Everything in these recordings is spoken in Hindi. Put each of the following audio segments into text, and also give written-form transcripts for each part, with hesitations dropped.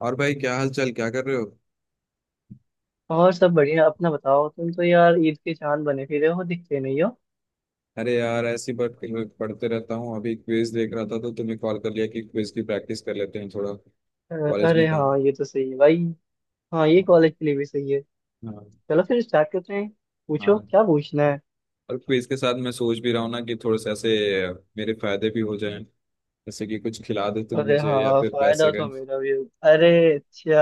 और भाई क्या हाल चाल, क्या कर रहे हो? और सब बढ़िया अपना बताओ तुम तो यार ईद के चांद बने फिरे हो दिखते नहीं हो। अरे यार, ऐसी बात। पढ़ते रहता हूँ। अभी क्विज देख रहा था तो तुम्हें कॉल कर लिया कि क्विज की प्रैक्टिस कर लेते हैं थोड़ा। अ, कॉलेज अरे में काम। हाँ ये तो सही है भाई। हाँ ये कॉलेज के लिए भी सही है। हाँ चलो फिर स्टार्ट करते हैं। पूछो हाँ। क्या पूछना है। और क्विज के साथ मैं सोच भी रहा हूँ ना कि थोड़े से ऐसे मेरे फायदे भी हो जाएं। जैसे कि कुछ खिला दो तुम अरे मुझे या हाँ फिर फायदा पैसे का। तो मेरा भी हो। अरे अच्छा,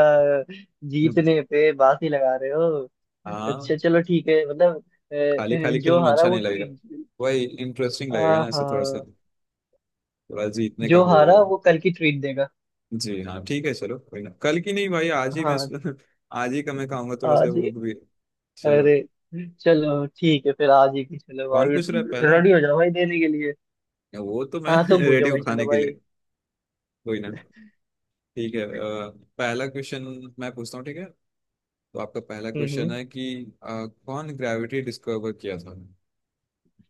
जीतने पे बात ही लगा रहे हो। अच्छा हाँ। चलो ठीक है मतलब अ, खाली खाली जो खेलने में हारा अच्छा वो नहीं लगेगा। ट्रीट। वही इंटरेस्टिंग लगेगा ना, ऐसे थोड़ा सा। हाँ थोड़ा जीतने का जो होड़ हारा होगा। वो कल की ट्रीट देगा। जी हाँ, ठीक है। चलो, कोई ना, कल की नहीं भाई, आज ही मैं हाँ आज ही का मैं खाऊंगा। थोड़ा सा आज। भूख भी। चलो। अरे चलो ठीक है फिर आज ही की चलो कौन भाई। पूछ रहा है पहला? रेडी हो जाओ भाई देने के लिए। वो तो मैं हाँ तुम रेडी पूछो भाई हूँ चलो खाने के भाई। लिए। कोई ना। ठीक है। पहला क्वेश्चन मैं पूछता हूँ, ठीक है? तो आपका पहला क्वेश्चन हम्म। है कि कौन ग्रेविटी डिस्कवर किया था।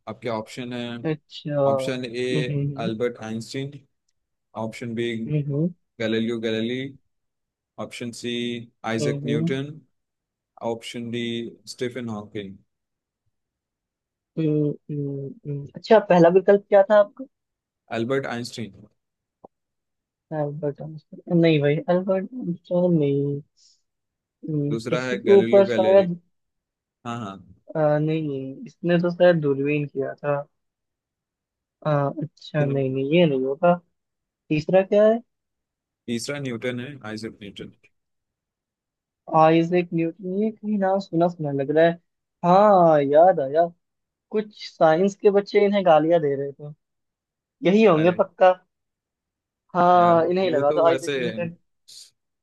आपके ऑप्शन है। अच्छा option A, hmm. Albert Einstein. Option B, हम्म Galileo Galilei. Option C, Isaac हम्म। Newton. Option D, Stephen Hawking. अच्छा पहला विकल्प क्या था आपका। Albert Einstein? अल्बर्ट आइंस्टाइन नहीं भाई, अल्बर्ट आइंस्टाइन नहीं। दूसरा है किसी के गैलीलियो ऊपर गैलीली। शायद। हाँ हाँ। नहीं, इसने तो शायद दूरबीन किया था। अ, अच्छा नहीं नहीं ये नहीं होगा। तीसरा क्या। तीसरा न्यूटन है, आइजक न्यूटन। आइजैक न्यूटन ये कहीं नाम सुना सुना लग रहा है। हाँ याद आया। कुछ साइंस के बच्चे इन्हें गालियां दे रहे थे, यही होंगे अरे पक्का। हाँ यार, हाँ इन्हें ही वो लगा तो दो, आइजैक वैसे। न्यूटन।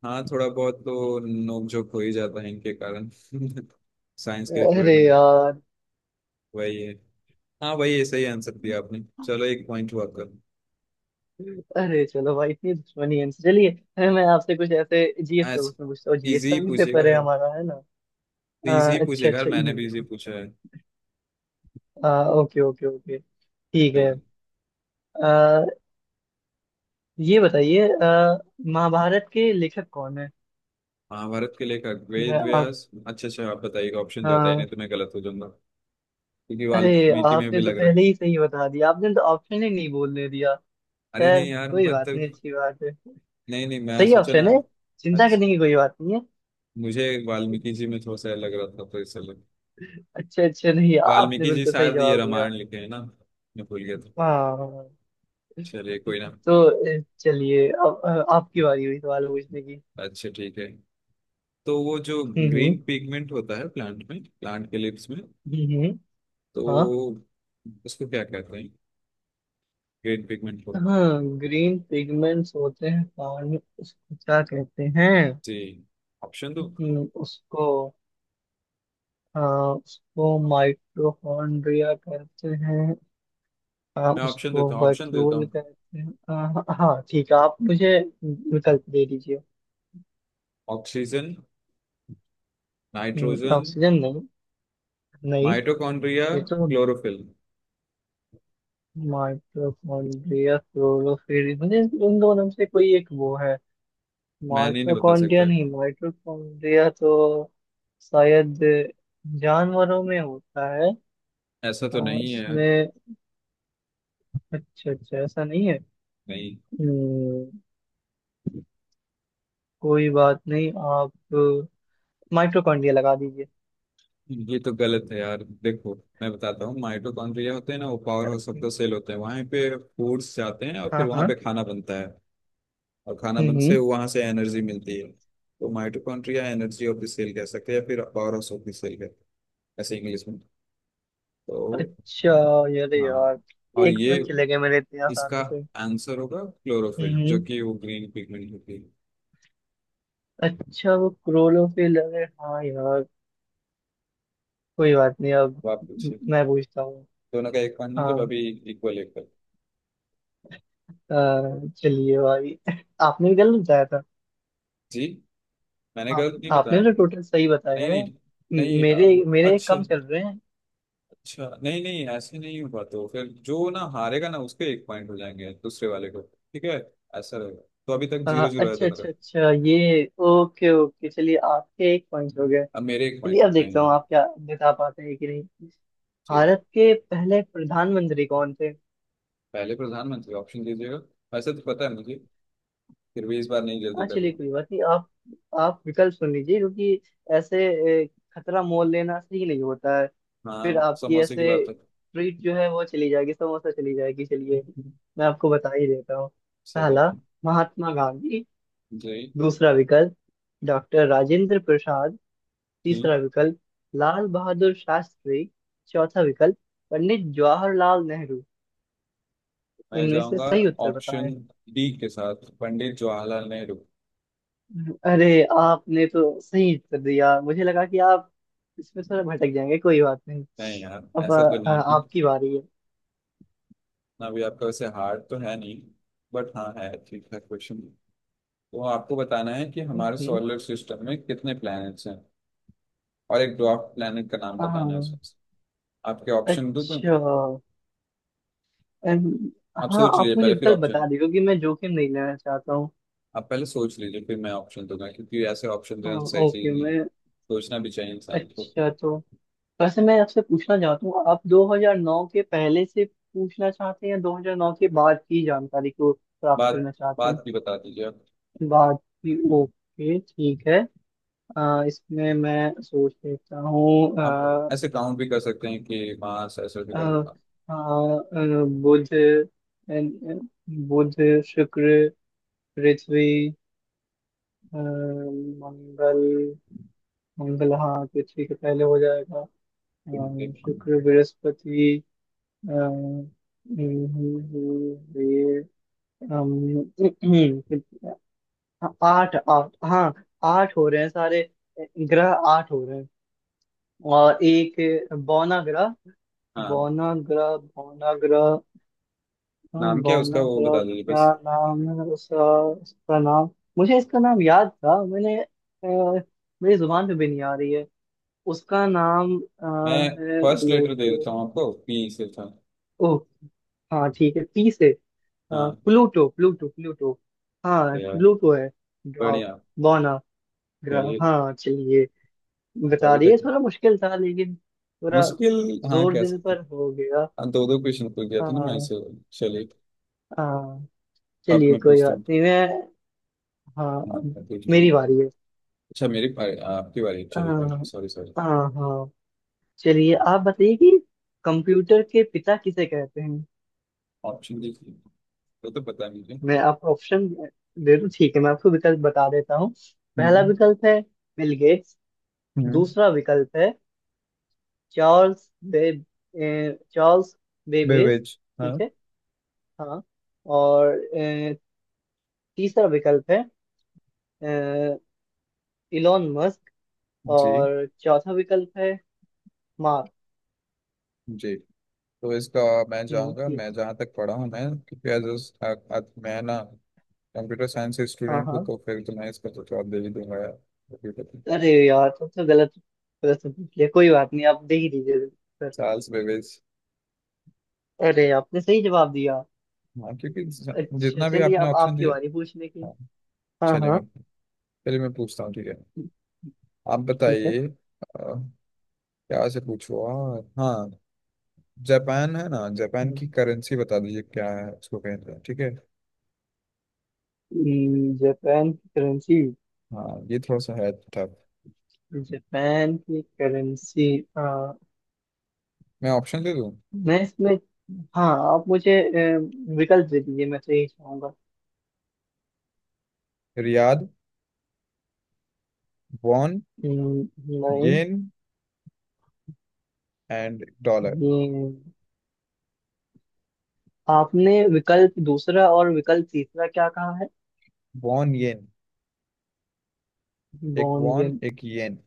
हाँ, थोड़ा बहुत तो नोकझोंक हो ही जाता है इनके कारण साइंस के अरे फील्ड में। यार। वही है। हाँ वही है। सही आंसर दिया आपने, चलो एक पॉइंट हुआ आपका। अरे चलो भाई, इतनी दुश्मनी है इनसे। चलिए अरे, मैं आपसे कुछ ऐसे जीएस का ऐसे क्वेश्चन पूछता हूँ, जीएस का इजी भी पूछिएगा पेपर है यार। हमारा, है ना। इजी ही अच्छा पूछिएगा यार, अच्छा मैंने भी इजी इजी। पूछा है। Okay okay okay. ठीक ठीक है। है। अ, ये बताइए महाभारत के लेखक कौन है। महाभारत के लेखक मैं। वेद व्यास। अच्छा अच्छा, आप बताइएगा ऑप्शन दे, बताइए नहीं आप। तो मैं गलत हो जाऊंगा। क्योंकि अरे वाल्मीकि में आपने भी तो लग रहा पहले है। ही सही बता दिया, आपने तो ऑप्शन ही नहीं बोलने दिया। अरे खैर नहीं यार, कोई बात नहीं, मतलब। अच्छी बात है। नहीं नहीं मैं सही सोचा ऑप्शन ना। है। चिंता अच्छा। करने की कोई बात नहीं है। मुझे वाल्मीकि जी में थोड़ा सा लग रहा था, तो इसलिए। अच्छे अच्छे, नहीं आपने वाल्मीकि जी बिल्कुल सही शायद ये जवाब दिया। रामायण लिखे हैं ना, मैं भूल गया था। हाँ। चलिए कोई ना। तो चलिए अब आपकी बारी हुई सवाल पूछने की। अच्छा ठीक है। तो वो जो हम्म। ग्रीन पिगमेंट होता है प्लांट में, प्लांट के लिप्स में, हम्म। हाँ तो उसको क्या कहते हैं? ग्रीन पिगमेंट को। हाँ। ग्रीन पिगमेंट्स होते हैं पानी में, उसको क्या कहते हैं। जी। ऑप्शन दो। उसको हाँ उसको माइटोकॉन्ड्रिया कहते हैं। मैं ऑप्शन उसको देता हूँ, वर्क्यूल कहते हैं। हाँ ठीक है, आप मुझे विकल्प दे दीजिए। ऑक्सीजन नाइट्रोजन, ऑक्सीजन नहीं। नहीं माइटोकॉन्ड्रिया, ये तो। क्लोरोफिल। माइटोकॉन्ड्रिया क्लोरोफिल मुझे उन दोनों में से कोई एक वो है। मैन ही नहीं बता सकता माइटोकॉन्ड्रिया है। नहीं, माइटोकॉन्ड्रिया तो शायद जानवरों में होता है। ऐसा तो नहीं है यार। इसमें अच्छा अच्छा ऐसा नहीं है। नहीं, हम्म, कोई बात नहीं आप माइटोकॉन्ड्रिया लगा दीजिए। ये तो गलत है यार। देखो, मैं बताता हूँ। माइटोकॉन्ड्रिया होते हैं ना, वो power house of the cell होते हैं। वहां पे फूड्स जाते हैं और हाँ फिर वहां हाँ। पे खाना बनता है, और खाना हम्म बन से हम्म। वहां से एनर्जी मिलती है। तो mitochondria energy of the cell कह सकते हैं या फिर power house of the cell कह, ऐसे इंग्लिश में। तो अच्छा यार हाँ, यार और एक ये पॉइंट चले गए मेरे इतने इसका आसानी से। आंसर होगा क्लोरोफिल, जो हम्म कि वो ग्रीन पिगमेंट होती है। अच्छा वो क्रोलो पे लगे हाँ यार। कोई बात नहीं अब अब आप पूछिए। मैं पूछता हूँ। दोनों का एक पॉइंट मतलब हाँ अभी, इक्वल इक्वल। चलिए भाई आपने भी गलत बताया था। जी, मैंने आप गलत नहीं आपने बताया। तो नहीं टोटल सही बताया है, नहीं। नहीं मेरे मेरे अच्छा। कम चल रहे हैं। अच्छा नहीं नहीं, ऐसे नहीं होगा। तो फिर जो ना हारेगा ना, उसके एक पॉइंट हो जाएंगे दूसरे वाले को, ठीक है? ऐसा रहेगा। तो अभी तक अ, जीरो जीरो है अच्छा दोनों का। अच्छा अच्छा ये ओके ओके चलिए आपके एक पॉइंट हो गए। अब मेरे एक चलिए पॉइंट हो अब गए देखता हाँ। हूँ आप क्या बता पाते हैं कि नहीं। ठीक है। भारत के पहले प्रधानमंत्री कौन थे। पहले प्रधानमंत्री, ऑप्शन दीजिएगा। वैसे तो पता है मुझे, फिर भी इस बार नहीं जल्दी हाँ चलिए करूँगा। कोई बात नहीं आप आप विकल्प सुन लीजिए क्योंकल ऐसे खतरा मोल लेना सही नहीं होता है। फिर हाँ, आपकी समोसे की ऐसे बात है। ट्रीट जो है वो चली जाएगी, समोसा चली जाएगी। चलिए मैं आपको बता ही देता हूँ। चलिए। पहला महात्मा गांधी। जी। दूसरा विकल्प डॉक्टर राजेंद्र प्रसाद। ठीक। तीसरा विकल्प लाल बहादुर शास्त्री। चौथा विकल्प पंडित जवाहरलाल नेहरू। मैं इनमें से जाऊंगा सही उत्तर बताएं। ऑप्शन डी के साथ, पंडित जवाहरलाल नेहरू। अरे आपने तो सही उत्तर दिया, मुझे लगा कि आप इसमें थोड़ा भटक जाएंगे, कोई बात नहीं। नहीं यार, अब ऐसा तो नहीं। आपकी बारी है। ना भी, आपका वैसे हार्ड तो है नहीं, बट हाँ है, ठीक है क्वेश्चन। तो आपको बताना है कि हमारे हम्म। सोलर सिस्टम में कितने प्लैनेट्स हैं, और एक ड्वार्फ प्लैनेट का नाम बताना है हाँ उसमें से। आपके ऑप्शन दूं मैं? अच्छा अम, आप हाँ सोच आप लीजिए मुझे पहले, फिर विकल्प ऑप्शन। बता दीजिए क्योंकि मैं जोखिम नहीं लेना चाहता हूँ। आप पहले सोच लीजिए, फिर मैं ऑप्शन दूंगा, क्योंकि ऐसे ऑप्शन देना हाँ, सही ओके चीज नहीं है। मैं सोचना भी चाहिए इंसान को। अच्छा तो वैसे मैं आपसे पूछना चाहता हूँ, आप 2009 के पहले से पूछना चाहते हैं या 2009 के बाद की जानकारी को प्राप्त बात, करना चाहते बात भी बता दीजिए आप। हैं। बाद की ओके ठीक है। इसमें मैं सोच लेता हूँ। आप अ, ऐसे काउंट भी कर सकते हैं कि मास ऐसे ऐसे अ, करके। अ, बुध बुध शुक्र पृथ्वी मंगल। मंगल हाँ पृथ्वी के पहले हो जाएगा। अ, आप- शुक्र बृहस्पति अ, ये अम, आठ आठ हाँ आठ हो रहे हैं सारे ग्रह, आठ हो रहे हैं। और एक बौना ग्रह। हाँ। बौनाग्रह बौनाग्रह। हाँ नाम क्या है उसका, वो बौनाग्रह। बता दीजिए क्या बस। नाम है उसका, उसका नाम मुझे इसका नाम याद था, मैंने मेरी जुबान पे भी नहीं आ रही है। उसका नाम मैं है फर्स्ट लेटर दे प्लूटो। देता हूँ आपको, पी से था। ओह हाँ ठीक है पी से। अ, हाँ। Pluto Pluto Pluto. तो हाँ यार, प्लूटो है। ग्राफ बढ़िया। बौना ग्रह चलिए। बौनाग्रह हाँ चलिए तो बता अभी तक दिए, थोड़ा मुश्किल था लेकिन थोड़ा मुश्किल, हाँ जोर कह देने सकते हैं। पर हो गया। हाँ, दो दो क्वेश्चन पूछ गया था ना मैं हाँ इसे। चलिए। हाँ अब चलिए मैं कोई पूछता बात हूँ। नहीं मैं। हाँ हाँ अब मैं पूछता मेरी हूँ। बारी है। अच्छा, मेरी बारी, आपकी बारी, चलिए, हाँ बारी, सॉरी सॉरी। हाँ हाँ चलिए आप बताइए कि कंप्यूटर के पिता किसे कहते हैं। ऑप्शन देखिए, वो तो पता नहीं मुझे। मैं आपको ऑप्शन दे दूं ठीक है, मैं आपको विकल्प बता देता हूँ। पहला हम्म विकल्प है बिल गेट्स। हम्म। दूसरा विकल्प है चार्ल्स बे, चार्ल्स बेबेज। बेवेज हाँ। ठीक है हाँ। और तीसरा विकल्प है इलॉन मस्क। जी। और चौथा विकल्प है मार्क। जी, तो इसका मैं जाऊंगा। ठीक मैं है जहाँ तक पढ़ा हूँ, मैं क्योंकि एज अ, मैं ना कंप्यूटर साइंस से हाँ स्टूडेंट हूँ, हाँ तो फिर तो मैं इसका तो जवाब दे ही दूंगा यार। कंप्यूटर अरे यार सबसे गलत प्रश्न पूछ लिया, कोई बात नहीं आप दे ही दीजिए सर। Charles Babbage. अरे आपने सही जवाब दिया। हाँ क्योंकि अच्छा जितना भी चलिए आपने अब ऑप्शन आपकी दिए। बारी पूछने की। हाँ। हाँ चलिए हाँ मैं चलिए मैं पूछता हूँ, ठीक है? आप ठीक है। बताइए क्या से पूछूँ? हाँ हाँ, जापान है ना, जापान की करेंसी बता दीजिए। क्या है, उसको कहते हैं, ठीक है? जापान की करेंसी। हाँ, ये थोड़ा सा है टफ। जापान की करेंसी। हाँ मैं ऑप्शन दे दूँ। मैं इसमें हाँ आप मुझे विकल्प दे दीजिए, मैं तो यही चाहूंगा। रियाद, वॉन, नहीं। Yen, and dollar. ये आपने विकल्प दूसरा और विकल्प तीसरा क्या कहा है। Won, yen? एक बॉन्ड वॉन एक येन।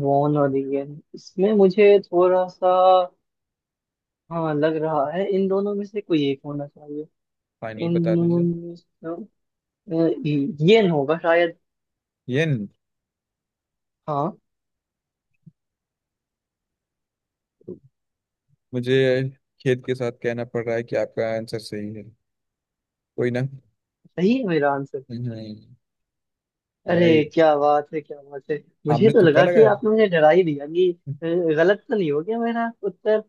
वॉन और रिगन, इसमें मुझे थोड़ा सा हाँ लग रहा है, इन दोनों में से कोई एक होना चाहिए। फाइनल इन बता दोनों दीजिए। में से अ, येन होगा शायद। येन। हाँ मुझे खेद के साथ कहना पड़ रहा है कि आपका आंसर सही है। कोई ना। सही है मेरा आंसर। हम्म। मैंने, अरे क्या बात है क्या बात है, मुझे आपने तो तुक्का लगा कि लगाया था। आपने मुझे डरा ही दिया कि अ, गलत तो नहीं हो गया मेरा उत्तर।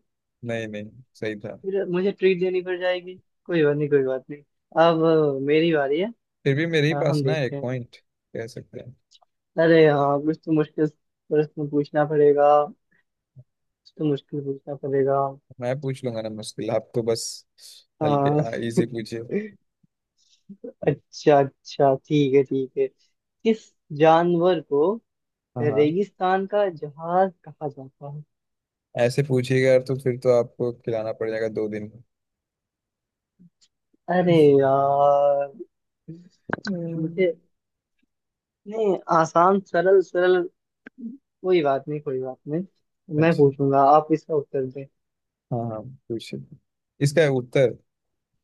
नहीं नहीं, सही था। फिर मुझे ट्रीट देनी पड़ जाएगी। कोई बात नहीं कोई बात नहीं। अब मेरी बारी है। फिर भी मेरे ही पास हम ना देखते एक हैं। पॉइंट, कह सकते हैं। अरे हाँ कुछ तो मुश्किल प्रश्न पूछना पड़ेगा। कुछ तो मुश्किल पूछना पड़ेगा। मैं पूछ लूंगा ना मुश्किल, आप तो बस हाँ हल्के इजी पूछिए। अच्छा अच्छा ठीक है किस जानवर को हाँ हाँ। रेगिस्तान का जहाज कहा जाता है। ऐसे पूछिएगा यार, तो फिर तो आपको खिलाना पड़ जाएगा दो दिन में। अरे यार हम्म, मुझे नहीं, आसान सरल सरल। कोई बात नहीं कोई बात नहीं, मैं अच्छा। पूछूंगा आप इसका उत्तर दें। हाँ हाँ, पूछिए। इसका उत्तर,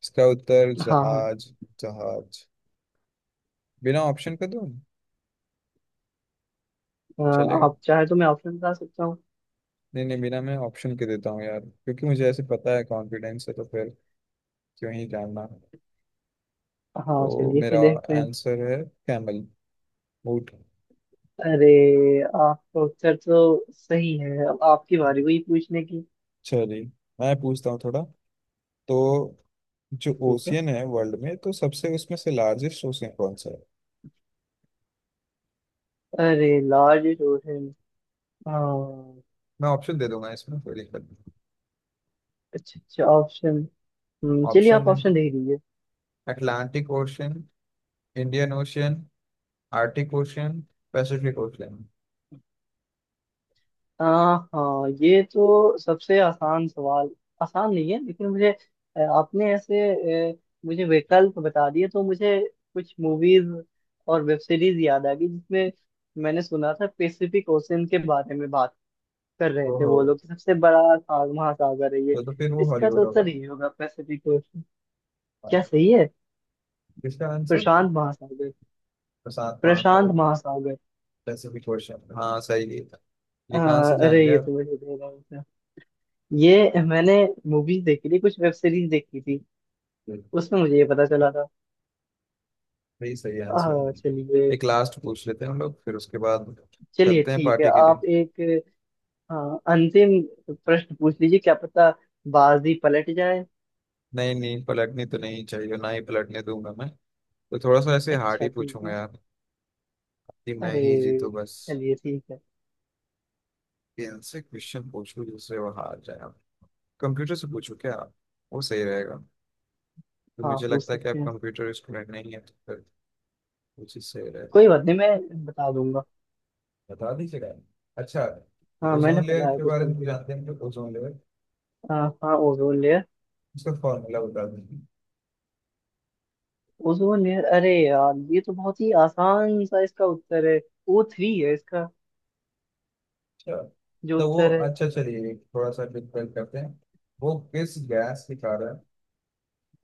इसका उत्तर हाँ हाँ। जहाज, जहाज। बिना ऑप्शन के दो अ, चलेगा? आप चाहे तो मैं ऑप्शन बता सकता हूँ। नहीं नहीं, बिना मैं ऑप्शन के देता हूँ यार, क्योंकि मुझे ऐसे पता है, कॉन्फिडेंस है, तो फिर क्यों ही जानना। हाँ तो चलिए फिर मेरा देखते हैं। आंसर है कैमल, ऊँट। अरे आपका उत्तर तो सही है, अब आपकी बारी हुई पूछने की। चलिए मैं पूछता हूँ थोड़ा। तो जो ठीक है। ओशियन है वर्ल्ड में, तो सबसे उसमें से लार्जेस्ट ओशियन कौन सा है? अरे लार्ज हाँ मैं ऑप्शन दे दूंगा, इसमें कोई दिक्कत नहीं। अच्छा अच्छा ऑप्शन। चलिए आप ऑप्शन है, ऑप्शन दे दीजिए। Atlantic Ocean, Indian Ocean, Arctic Ocean, Pacific Ocean. हाँ हाँ ये तो सबसे आसान सवाल, आसान नहीं है लेकिन मुझे आपने ऐसे मुझे विकल्प बता दिए तो मुझे कुछ मूवीज और वेब सीरीज याद आ गई, जिसमें मैंने सुना था पैसिफिक ओशन के बारे में बात कर रहे थे ओहो, वो लोग कि सबसे बड़ा महासागर है ये। तो फिर वो इसका तो हॉलीवुड उत्तर होगा। ही होगा पैसिफिक ओशन। क्या हाँ, सही है। इसका आंसर प्रशांत महासागर। प्रशांत प्रशांत महासागर। महासागर। पैसिफिक ओशियन, हाँ सही है। ये कहाँ हाँ से जान अरे ये गया? तो मुझे दे रहा हूँ था। ये मैंने मूवीज देखी थी, कुछ वेब सीरीज देखी थी, उसमें मुझे ये पता चला था। यही सही आंसर हाँ है। चलिए। एक लास्ट पूछ लेते हैं हम लोग, फिर उसके बाद चलिए चलते हैं ठीक है पार्टी के लिए। आप एक हाँ अंतिम प्रश्न पूछ लीजिए, क्या पता बाजी पलट जाए। नहीं नहीं, पलटनी तो नहीं चाहिए, ना ही पलटने दूंगा मैं। तो थोड़ा सा ऐसे हार्ड अच्छा ही ठीक पूछूंगा है। यार, कि मैं अरे ही जीतू बस। चलिए ठीक है। कि इनसे क्वेश्चन पूछूं जिससे वो हार जाए। आप कंप्यूटर से पूछो क्या, आप? वो सही रहेगा। तो हाँ मुझे पूछ लगता है कि सकते आप हैं, कंप्यूटर स्टूडेंट नहीं है, तो फिर वो चीज़ सही रहेगा। कोई बात नहीं मैं बता दूंगा। बता दीजिएगा। अच्छा। हाँ मैंने ओजोन लेयर पढ़ा है के कुछ बारे में तो कंप्यूटर। जानते हैं, तो ओजोन लेयर हाँ हाँ ओजोन लेयर। उसका फॉर्मूला बता दीजिए। ओजोन लेयर अरे यार ये तो बहुत ही आसान सा, इसका उत्तर है ओ थ्री है इसका अच्छा जो तो वो, उत्तर है। अच्छा चलिए, थोड़ा सा डिफरेंट करते हैं। वो किस गैस के कारण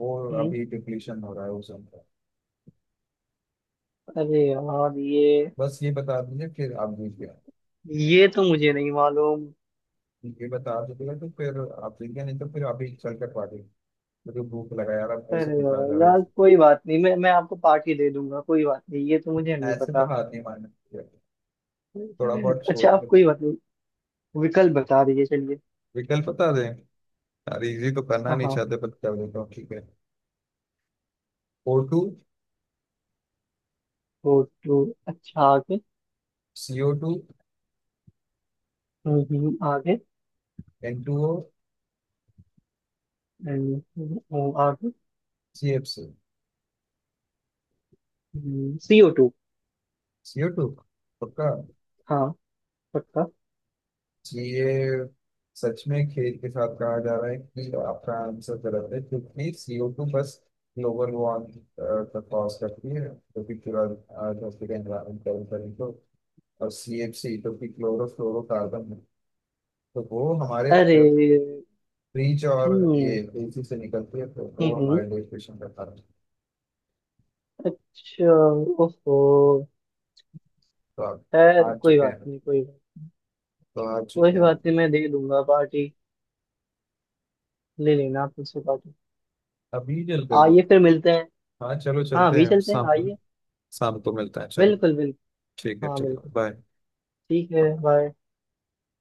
वो हम्म, अभी डिप्लीशन हो रहा है ओजोन का? अरे यार बस ये बता दीजिए, फिर आप जीत गया। ये तो मुझे नहीं मालूम। ये बता दीजिएगा तो फिर आप जीत गया, नहीं तो फिर आप ही चल कर पा गए। मुझे भूख लगा यार, अब ऐसा अरे नहीं यार खा जा रहा है। यार, कोई बात नहीं मैं मैं आपको पार्टी दे दूंगा, कोई बात नहीं ये तो मुझे नहीं ऐसे तो पता। हाथ नहीं मारना चाहिए। थोड़ा बहुत अच्छा सोच आप लेते। कोई बात नहीं विकल्प बता दीजिए चलिए। विकल्प बता दें यार, इजी तो करना नहीं हाँ चाहते पर कर देता हूँ, ठीक है। ओ टू, फोटो अच्छा आगे। सी ओ टू, आगे। एन टू ओ, आगे। C F C. CO two. C O two, पक्का? हाँ पक्का। तो ये सच में खेल के साथ कहा जा रहा है कि आपका आंसर गलत है, क्योंकि सीओ टू बस ग्लोबल वार्मिंग का कॉज करती है, जो कि पूरा धरती का एनवायरमेंट गर्म करने को। और सी एफ सी जो कि क्लोरोफ्लोरोकार्बन है, तो वो हमारे अरे फ्रिज और ये हम्म एसी से निकलती है, तो वो हम्म हमारे डिस्कशन का कारण है। अच्छा ओहो। तो आप खैर हार कोई चुके बात हैं, नहीं कोई बात, तो हार कोई चुके हैं आप। बात नहीं मैं दे दूंगा पार्टी, ले लेना आप मुझसे काटो। अभी जल कर दे। आइए फिर मिलते हैं। हाँ चलो हाँ चलते अभी हैं चलते हैं शाम, आइए। शाम को मिलता है चलो। बिल्कुल बिल्कुल। ठीक है, हाँ ठीक है, बिल्कुल। बाय। ठीक है बाय।